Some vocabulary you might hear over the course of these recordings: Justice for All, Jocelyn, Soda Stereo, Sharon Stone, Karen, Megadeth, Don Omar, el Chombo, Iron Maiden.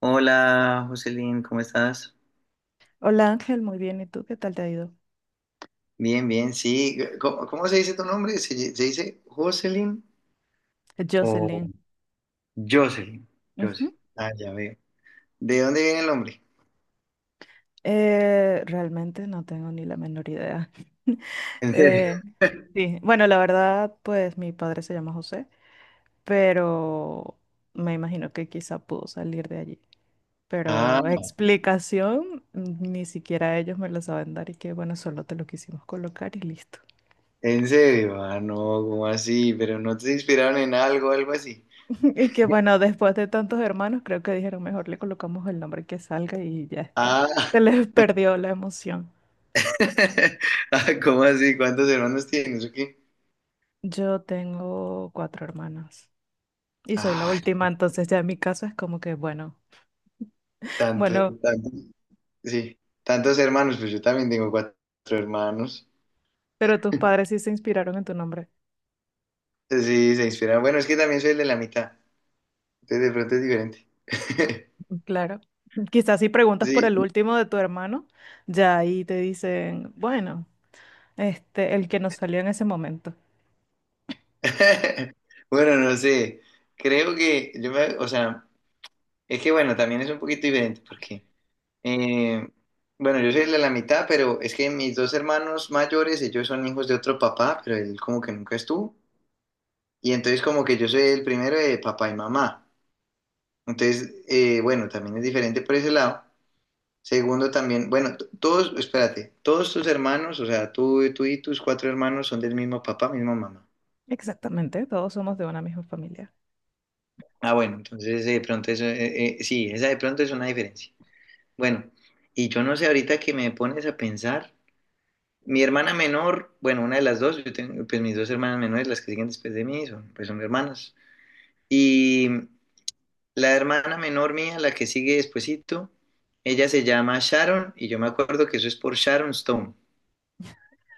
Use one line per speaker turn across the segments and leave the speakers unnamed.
Hola, Jocelyn, ¿cómo estás?
Hola Ángel, muy bien. ¿Y tú qué tal te ha ido?
Bien, bien, sí. ¿Cómo se dice tu nombre? ¿Se dice Jocelyn? O
Jocelyn.
Jocelyn, Jocelyn.
Ujú.
Ah, ya veo. ¿De dónde viene el nombre?
Realmente no tengo ni la menor idea.
¿En serio?
Eh, sí, bueno, la verdad, pues mi padre se llama José, pero me imagino que quizá pudo salir de allí.
Ah,
Pero explicación, ni siquiera ellos me la saben dar y que bueno, solo te lo quisimos colocar y listo.
¿en serio? Ah, no, ¿cómo así? ¿Pero no te inspiraron en algo, algo así?
Y que bueno, después de tantos hermanos, creo que dijeron mejor le colocamos el nombre que salga y ya está.
Ah,
Se les perdió la emoción.
ah, ¿cómo así? ¿Cuántos hermanos tienes o qué?
Yo tengo cuatro hermanas y soy la
Ay,
última, entonces ya en mi caso es como que, bueno,
tantos,
bueno,
tantos, sí, tantos hermanos, pues yo también tengo cuatro hermanos.
pero tus padres sí se inspiraron en tu nombre.
Sí, se inspiraron. Bueno, es que también soy el de la mitad. Sí, de pronto es diferente.
Claro. Quizás si preguntas por
Sí.
el último de tu hermano, ya ahí te dicen, bueno, este, el que nos salió en ese momento.
Bueno, no sé. Creo que o sea, es que bueno, también es un poquito diferente porque, eh, bueno, yo soy el de la mitad, pero es que mis dos hermanos mayores, ellos son hijos de otro papá, pero él como que nunca estuvo. Y entonces como que yo soy el primero de papá y mamá. Entonces, bueno, también es diferente por ese lado. Segundo también, bueno, todos, espérate, todos tus hermanos, o sea, tú y tus cuatro hermanos son del mismo papá, misma mamá.
Exactamente, todos somos de una misma familia.
Ah, bueno, entonces de pronto eso, sí, esa de pronto es una diferencia. Bueno, y yo no sé, ahorita que me pones a pensar, mi hermana menor, bueno, una de las dos, yo tengo, pues mis dos hermanas menores, las que siguen después de mí, pues son hermanas. Y la hermana menor mía, la que sigue despuesito, ella se llama Sharon, y yo me acuerdo que eso es por Sharon Stone,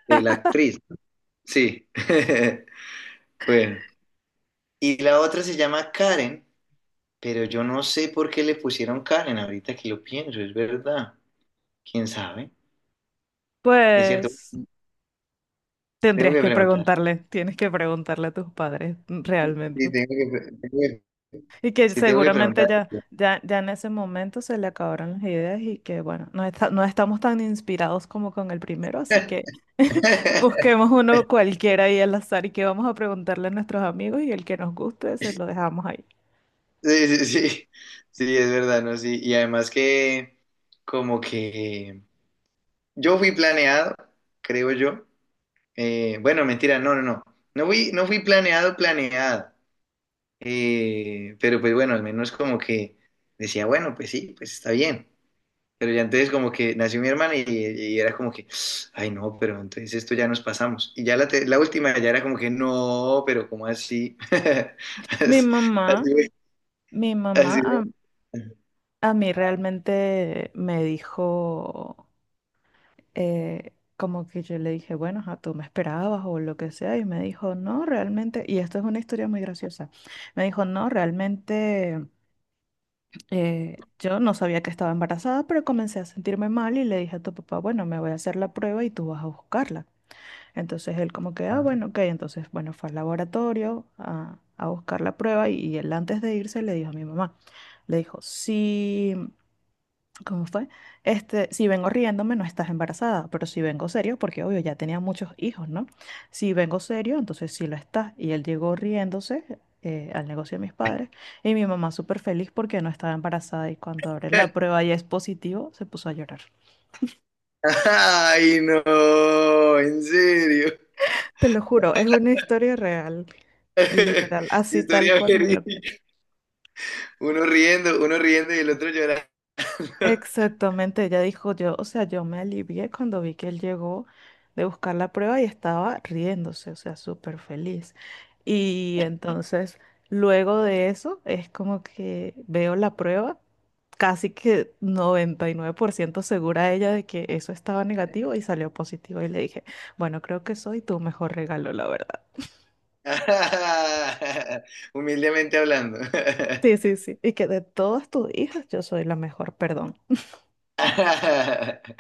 de la actriz. Sí. Bueno. Y la otra se llama Karen, pero yo no sé por qué le pusieron Karen, ahorita que lo pienso, es verdad. ¿Quién sabe? Es cierto,
Pues
tengo
tendrías
que
que
preguntar.
preguntarle, tienes que preguntarle a tus padres realmente.
Sí, tengo que,
Y que
sí, tengo que
seguramente
preguntar.
ya en ese momento se le acabaron las ideas y que bueno, no estamos tan inspirados como con el primero, así que busquemos uno cualquiera ahí al azar y que vamos a preguntarle a nuestros amigos y el que nos guste se lo dejamos ahí.
Sí, sí, sí, sí, es verdad, ¿no? Sí, y además que como que yo fui planeado, creo yo. Bueno, mentira, no, no, no. No fui planeado, planeado. Pero pues bueno, al menos como que decía, bueno, pues sí, pues está bien. Pero ya entonces como que nació mi hermana y era como que, ay no, pero entonces esto ya nos pasamos. Y ya la última ya era como que, no, pero ¿cómo así?
Mi mamá,
Así,
mi mamá
así,
a,
así.
a mí realmente me dijo, eh, como que yo le dije, bueno, a tú me esperabas o lo que sea, y me dijo, no, realmente, y esto es una historia muy graciosa, me dijo, no, realmente. Yo no sabía que estaba embarazada, pero comencé a sentirme mal y le dije a tu papá, bueno, me voy a hacer la prueba y tú vas a buscarla. Entonces él como que, ah,
Ah.
bueno, ok, entonces, bueno, fue al laboratorio a buscar la prueba y él antes de irse le dijo a mi mamá, le dijo, sí. ¿Cómo fue? Este, si vengo riéndome, no estás embarazada, pero si vengo serio, porque obvio, ya tenía muchos hijos, ¿no? Si vengo serio, entonces sí lo estás. Y él llegó riéndose al negocio de mis padres y mi mamá súper feliz porque no estaba embarazada y cuando abre la prueba y es positivo, se puso a llorar.
Ay no, en serio.
Te lo juro, es una historia real, literal, así tal
Historia
cual me lo
verídica. Uno riendo y el otro llorando.
Exactamente, ella dijo yo, o sea, yo me alivié cuando vi que él llegó de buscar la prueba y estaba riéndose, o sea, súper feliz. Y entonces, luego de eso, es como que veo la prueba, casi que 99% segura ella de que eso estaba negativo y salió positivo. Y le dije, bueno, creo que soy tu mejor regalo, la verdad.
Humildemente hablando.
Sí, sí, sí. Y que de todas tus hijas, yo soy la mejor, perdón.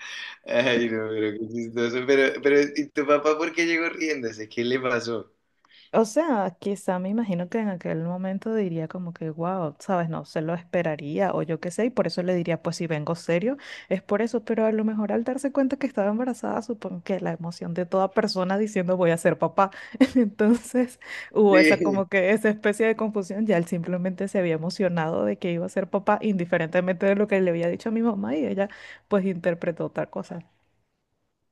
Ay, no, pero qué chistoso. Pero, ¿y tu papá por qué llegó riéndose? ¿Qué le pasó?
O sea, quizá me imagino que en aquel momento diría como que, wow, sabes, no se lo esperaría o yo qué sé, y por eso le diría, pues si vengo serio, es por eso, pero a lo mejor al darse cuenta que estaba embarazada, supongo que la emoción de toda persona diciendo voy a ser papá, entonces hubo esa
Sí.
como que esa especie de confusión, ya él simplemente se había emocionado de que iba a ser papá, indiferentemente de lo que le había dicho a mi mamá y ella pues interpretó otra cosa.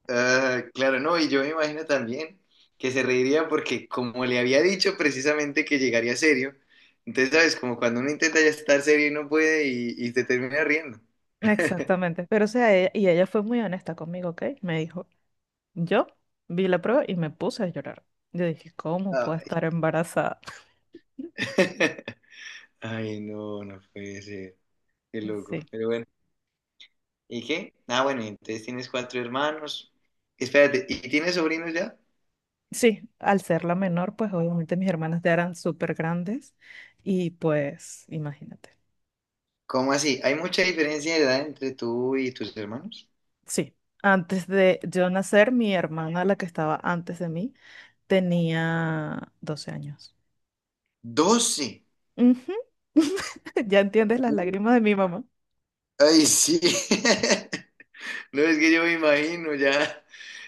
Ah, claro, no, y yo me imagino también que se reiría porque como le había dicho precisamente que llegaría serio, entonces, ¿sabes? Como cuando uno intenta ya estar serio y no puede y te termina riendo.
Exactamente, pero o sea, y ella fue muy honesta conmigo, ¿ok? Me dijo. Yo vi la prueba y me puse a llorar. Yo dije, ¿cómo puedo
Ay.
estar embarazada?
Ay, no, no puede ser. Qué loco.
Sí,
Pero bueno. ¿Y qué? Ah, bueno, y entonces tienes cuatro hermanos. Espérate, ¿y tienes sobrinos ya?
sí, al ser la menor, pues obviamente mis hermanas ya eran súper grandes y pues imagínate.
¿Cómo así? ¿Hay mucha diferencia de edad entre tú y tus hermanos?
Sí, antes de yo nacer, mi hermana, la que estaba antes de mí, tenía 12 años.
12.
Ujú. Ya entiendes las
Uh,
lágrimas de mi mamá.
Ay, sí. No es que yo me imagino, ya,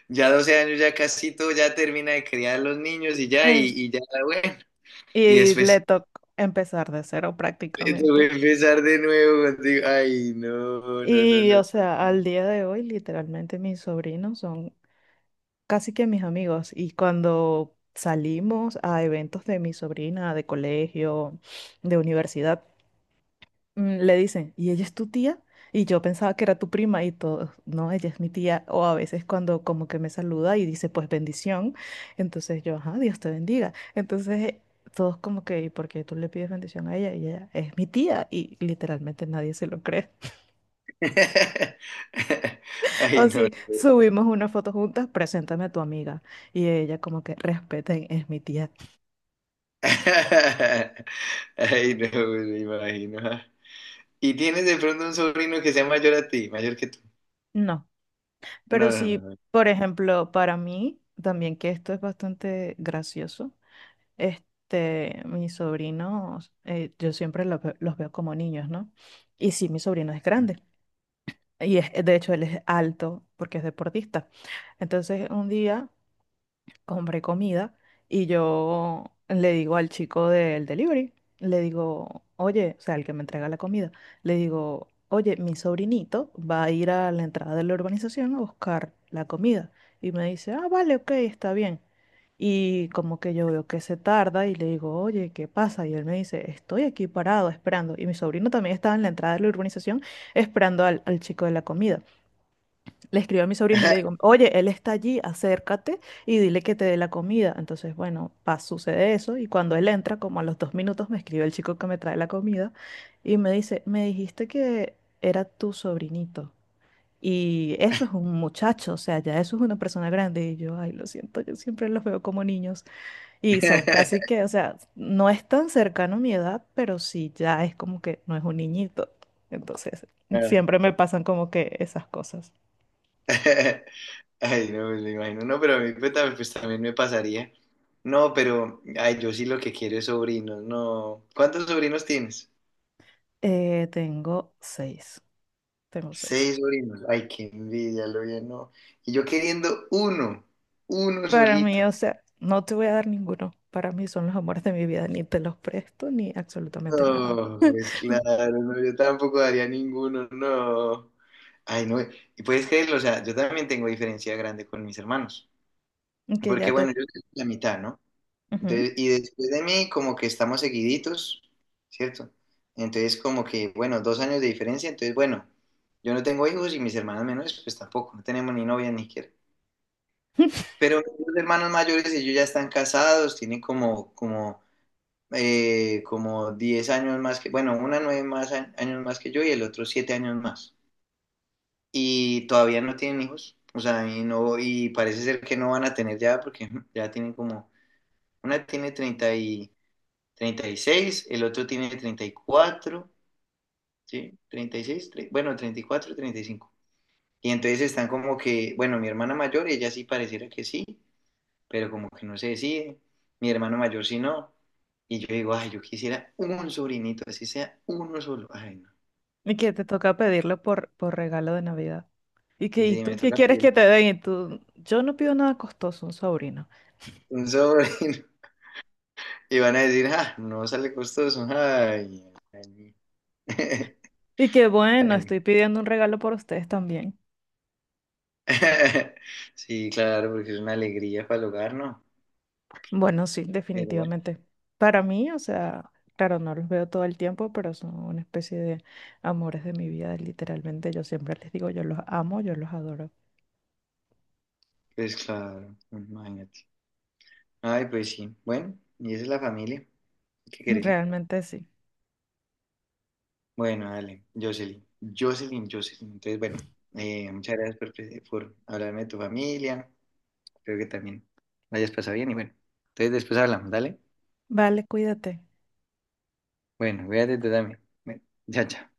ya 12 años, ya casi todo, ya termina de criar los niños y ya, y,
Es-
y ya, bueno. Y
y le
después
tocó empezar de cero
te voy
prácticamente.
a empezar de nuevo contigo. Ay, no, no, no,
Y,
no.
o sea, al día de hoy, literalmente mis sobrinos son casi que mis amigos. Y cuando salimos a eventos de mi sobrina, de colegio, de universidad, le dicen, ¿y ella es tu tía? Y yo pensaba que era tu prima y todo, no, ella es mi tía. O a veces cuando como que me saluda y dice, pues bendición. Entonces yo, ajá, Dios te bendiga. Entonces todos como que, ¿y por qué tú le pides bendición a ella? Y ella es mi tía. Y literalmente nadie se lo cree.
Ay,
O
no.
sí,
no.
subimos una foto juntas, preséntame a tu amiga. Y ella como que respeten, es mi tía.
Ay, no, me imagino. ¿Y tienes de pronto un sobrino que sea mayor a ti, mayor que tú?
No,
No,
pero
no, no.
sí,
no.
por ejemplo, para mí, también que esto es bastante gracioso, este, mis sobrinos, yo siempre los, los veo como niños, ¿no? Y sí, mi sobrino es grande. Y es, de hecho, él es alto porque es deportista. Entonces, un día compré comida y yo le digo al chico del delivery, le digo, oye, o sea, el que me entrega la comida, le digo, oye, mi sobrinito va a ir a la entrada de la urbanización a buscar la comida. Y me dice, ah, vale, ok, está bien. Y como que yo veo que se tarda y le digo, oye, ¿qué pasa? Y él me dice, estoy aquí parado esperando. Y mi sobrino también estaba en la entrada de la urbanización esperando al chico de la comida. Le escribo a mi sobrino y le digo, oye, él está allí, acércate y dile que te dé la comida. Entonces, bueno, pa, sucede eso y cuando él entra, como a los 2 minutos, me escribe el chico que me trae la comida y me dice, me dijiste que era tu sobrinito. Y eso es un muchacho, o sea, ya eso es una persona grande. Y yo, ay, lo siento, yo siempre los veo como niños. Y son casi que, o sea, no es tan cercano a mi edad, pero sí ya es como que no es un niñito. Entonces, siempre me pasan como que esas cosas.
Ay, no, pues me lo imagino. No, pero a mí pues, también me pasaría. No, pero ay, yo sí lo que quiero es sobrinos. No. ¿Cuántos sobrinos tienes?
Tengo seis. Tengo seis.
Seis sobrinos. Ay, qué envidia, lo bien, no. Y yo queriendo uno, uno
Para mí,
solito.
o sea, no te voy a dar ninguno. Para mí son los amores de mi vida. Ni te los presto ni absolutamente nada.
No, pues claro, no, yo tampoco daría ninguno, no. Ay, no. Y puedes creerlo, o sea, yo también tengo diferencia grande con mis hermanos.
Y que
Porque
ya
bueno,
te.
yo soy la mitad, ¿no?
Ujú.
Entonces, y después de mí, como que estamos seguiditos, ¿cierto? Entonces, como que, bueno, 2 años de diferencia, entonces, bueno, yo no tengo hijos y mis hermanos menores, pues tampoco, no tenemos ni novia ni siquiera. Pero mis hermanos mayores, ellos ya están casados, tienen como 10 años más que, bueno, una 9 más años más que yo y el otro 7 años más. Y todavía no tienen hijos, o sea, y no, y parece ser que no van a tener ya, porque ya tienen como, una tiene 36, el otro tiene 34, ¿sí? 36, bueno, 34, 35. Y cinco. Y entonces están como que, bueno, mi hermana mayor, ella sí pareciera que sí, pero como que no se decide, mi hermano mayor sí no. Y yo digo, ay, yo quisiera un sobrinito, así sea uno solo. Ay, no.
Y que te toca pedirlo por regalo de Navidad. Y que, ¿y
Sí, me
tú qué
toca
quieres
pedir
que te den? Y tú, yo no pido nada costoso, un sobrino.
un sobrino. Y van a decir, ah, no sale costoso. Ay, ay.
Y que, bueno,
Ay, no.
estoy pidiendo un regalo por ustedes también.
Sí, claro, porque es una alegría para el hogar, ¿no?
Bueno, sí,
Pero bueno.
definitivamente. Para mí, o sea, claro, no los veo todo el tiempo, pero son una especie de amores de mi vida, literalmente. Yo siempre les digo, yo los amo, yo los adoro.
Pues claro, imagínate. Ay, pues sí. Bueno, y esa es la familia. Hay que quererla.
Realmente sí.
Bueno, dale, Jocelyn. Jocelyn, Jocelyn. Entonces, bueno, muchas gracias por hablarme de tu familia. Creo que también la hayas pasado bien y bueno. Entonces, después hablamos, dale.
Vale, cuídate.
Bueno, cuídate tú también. Bueno, chao, chao.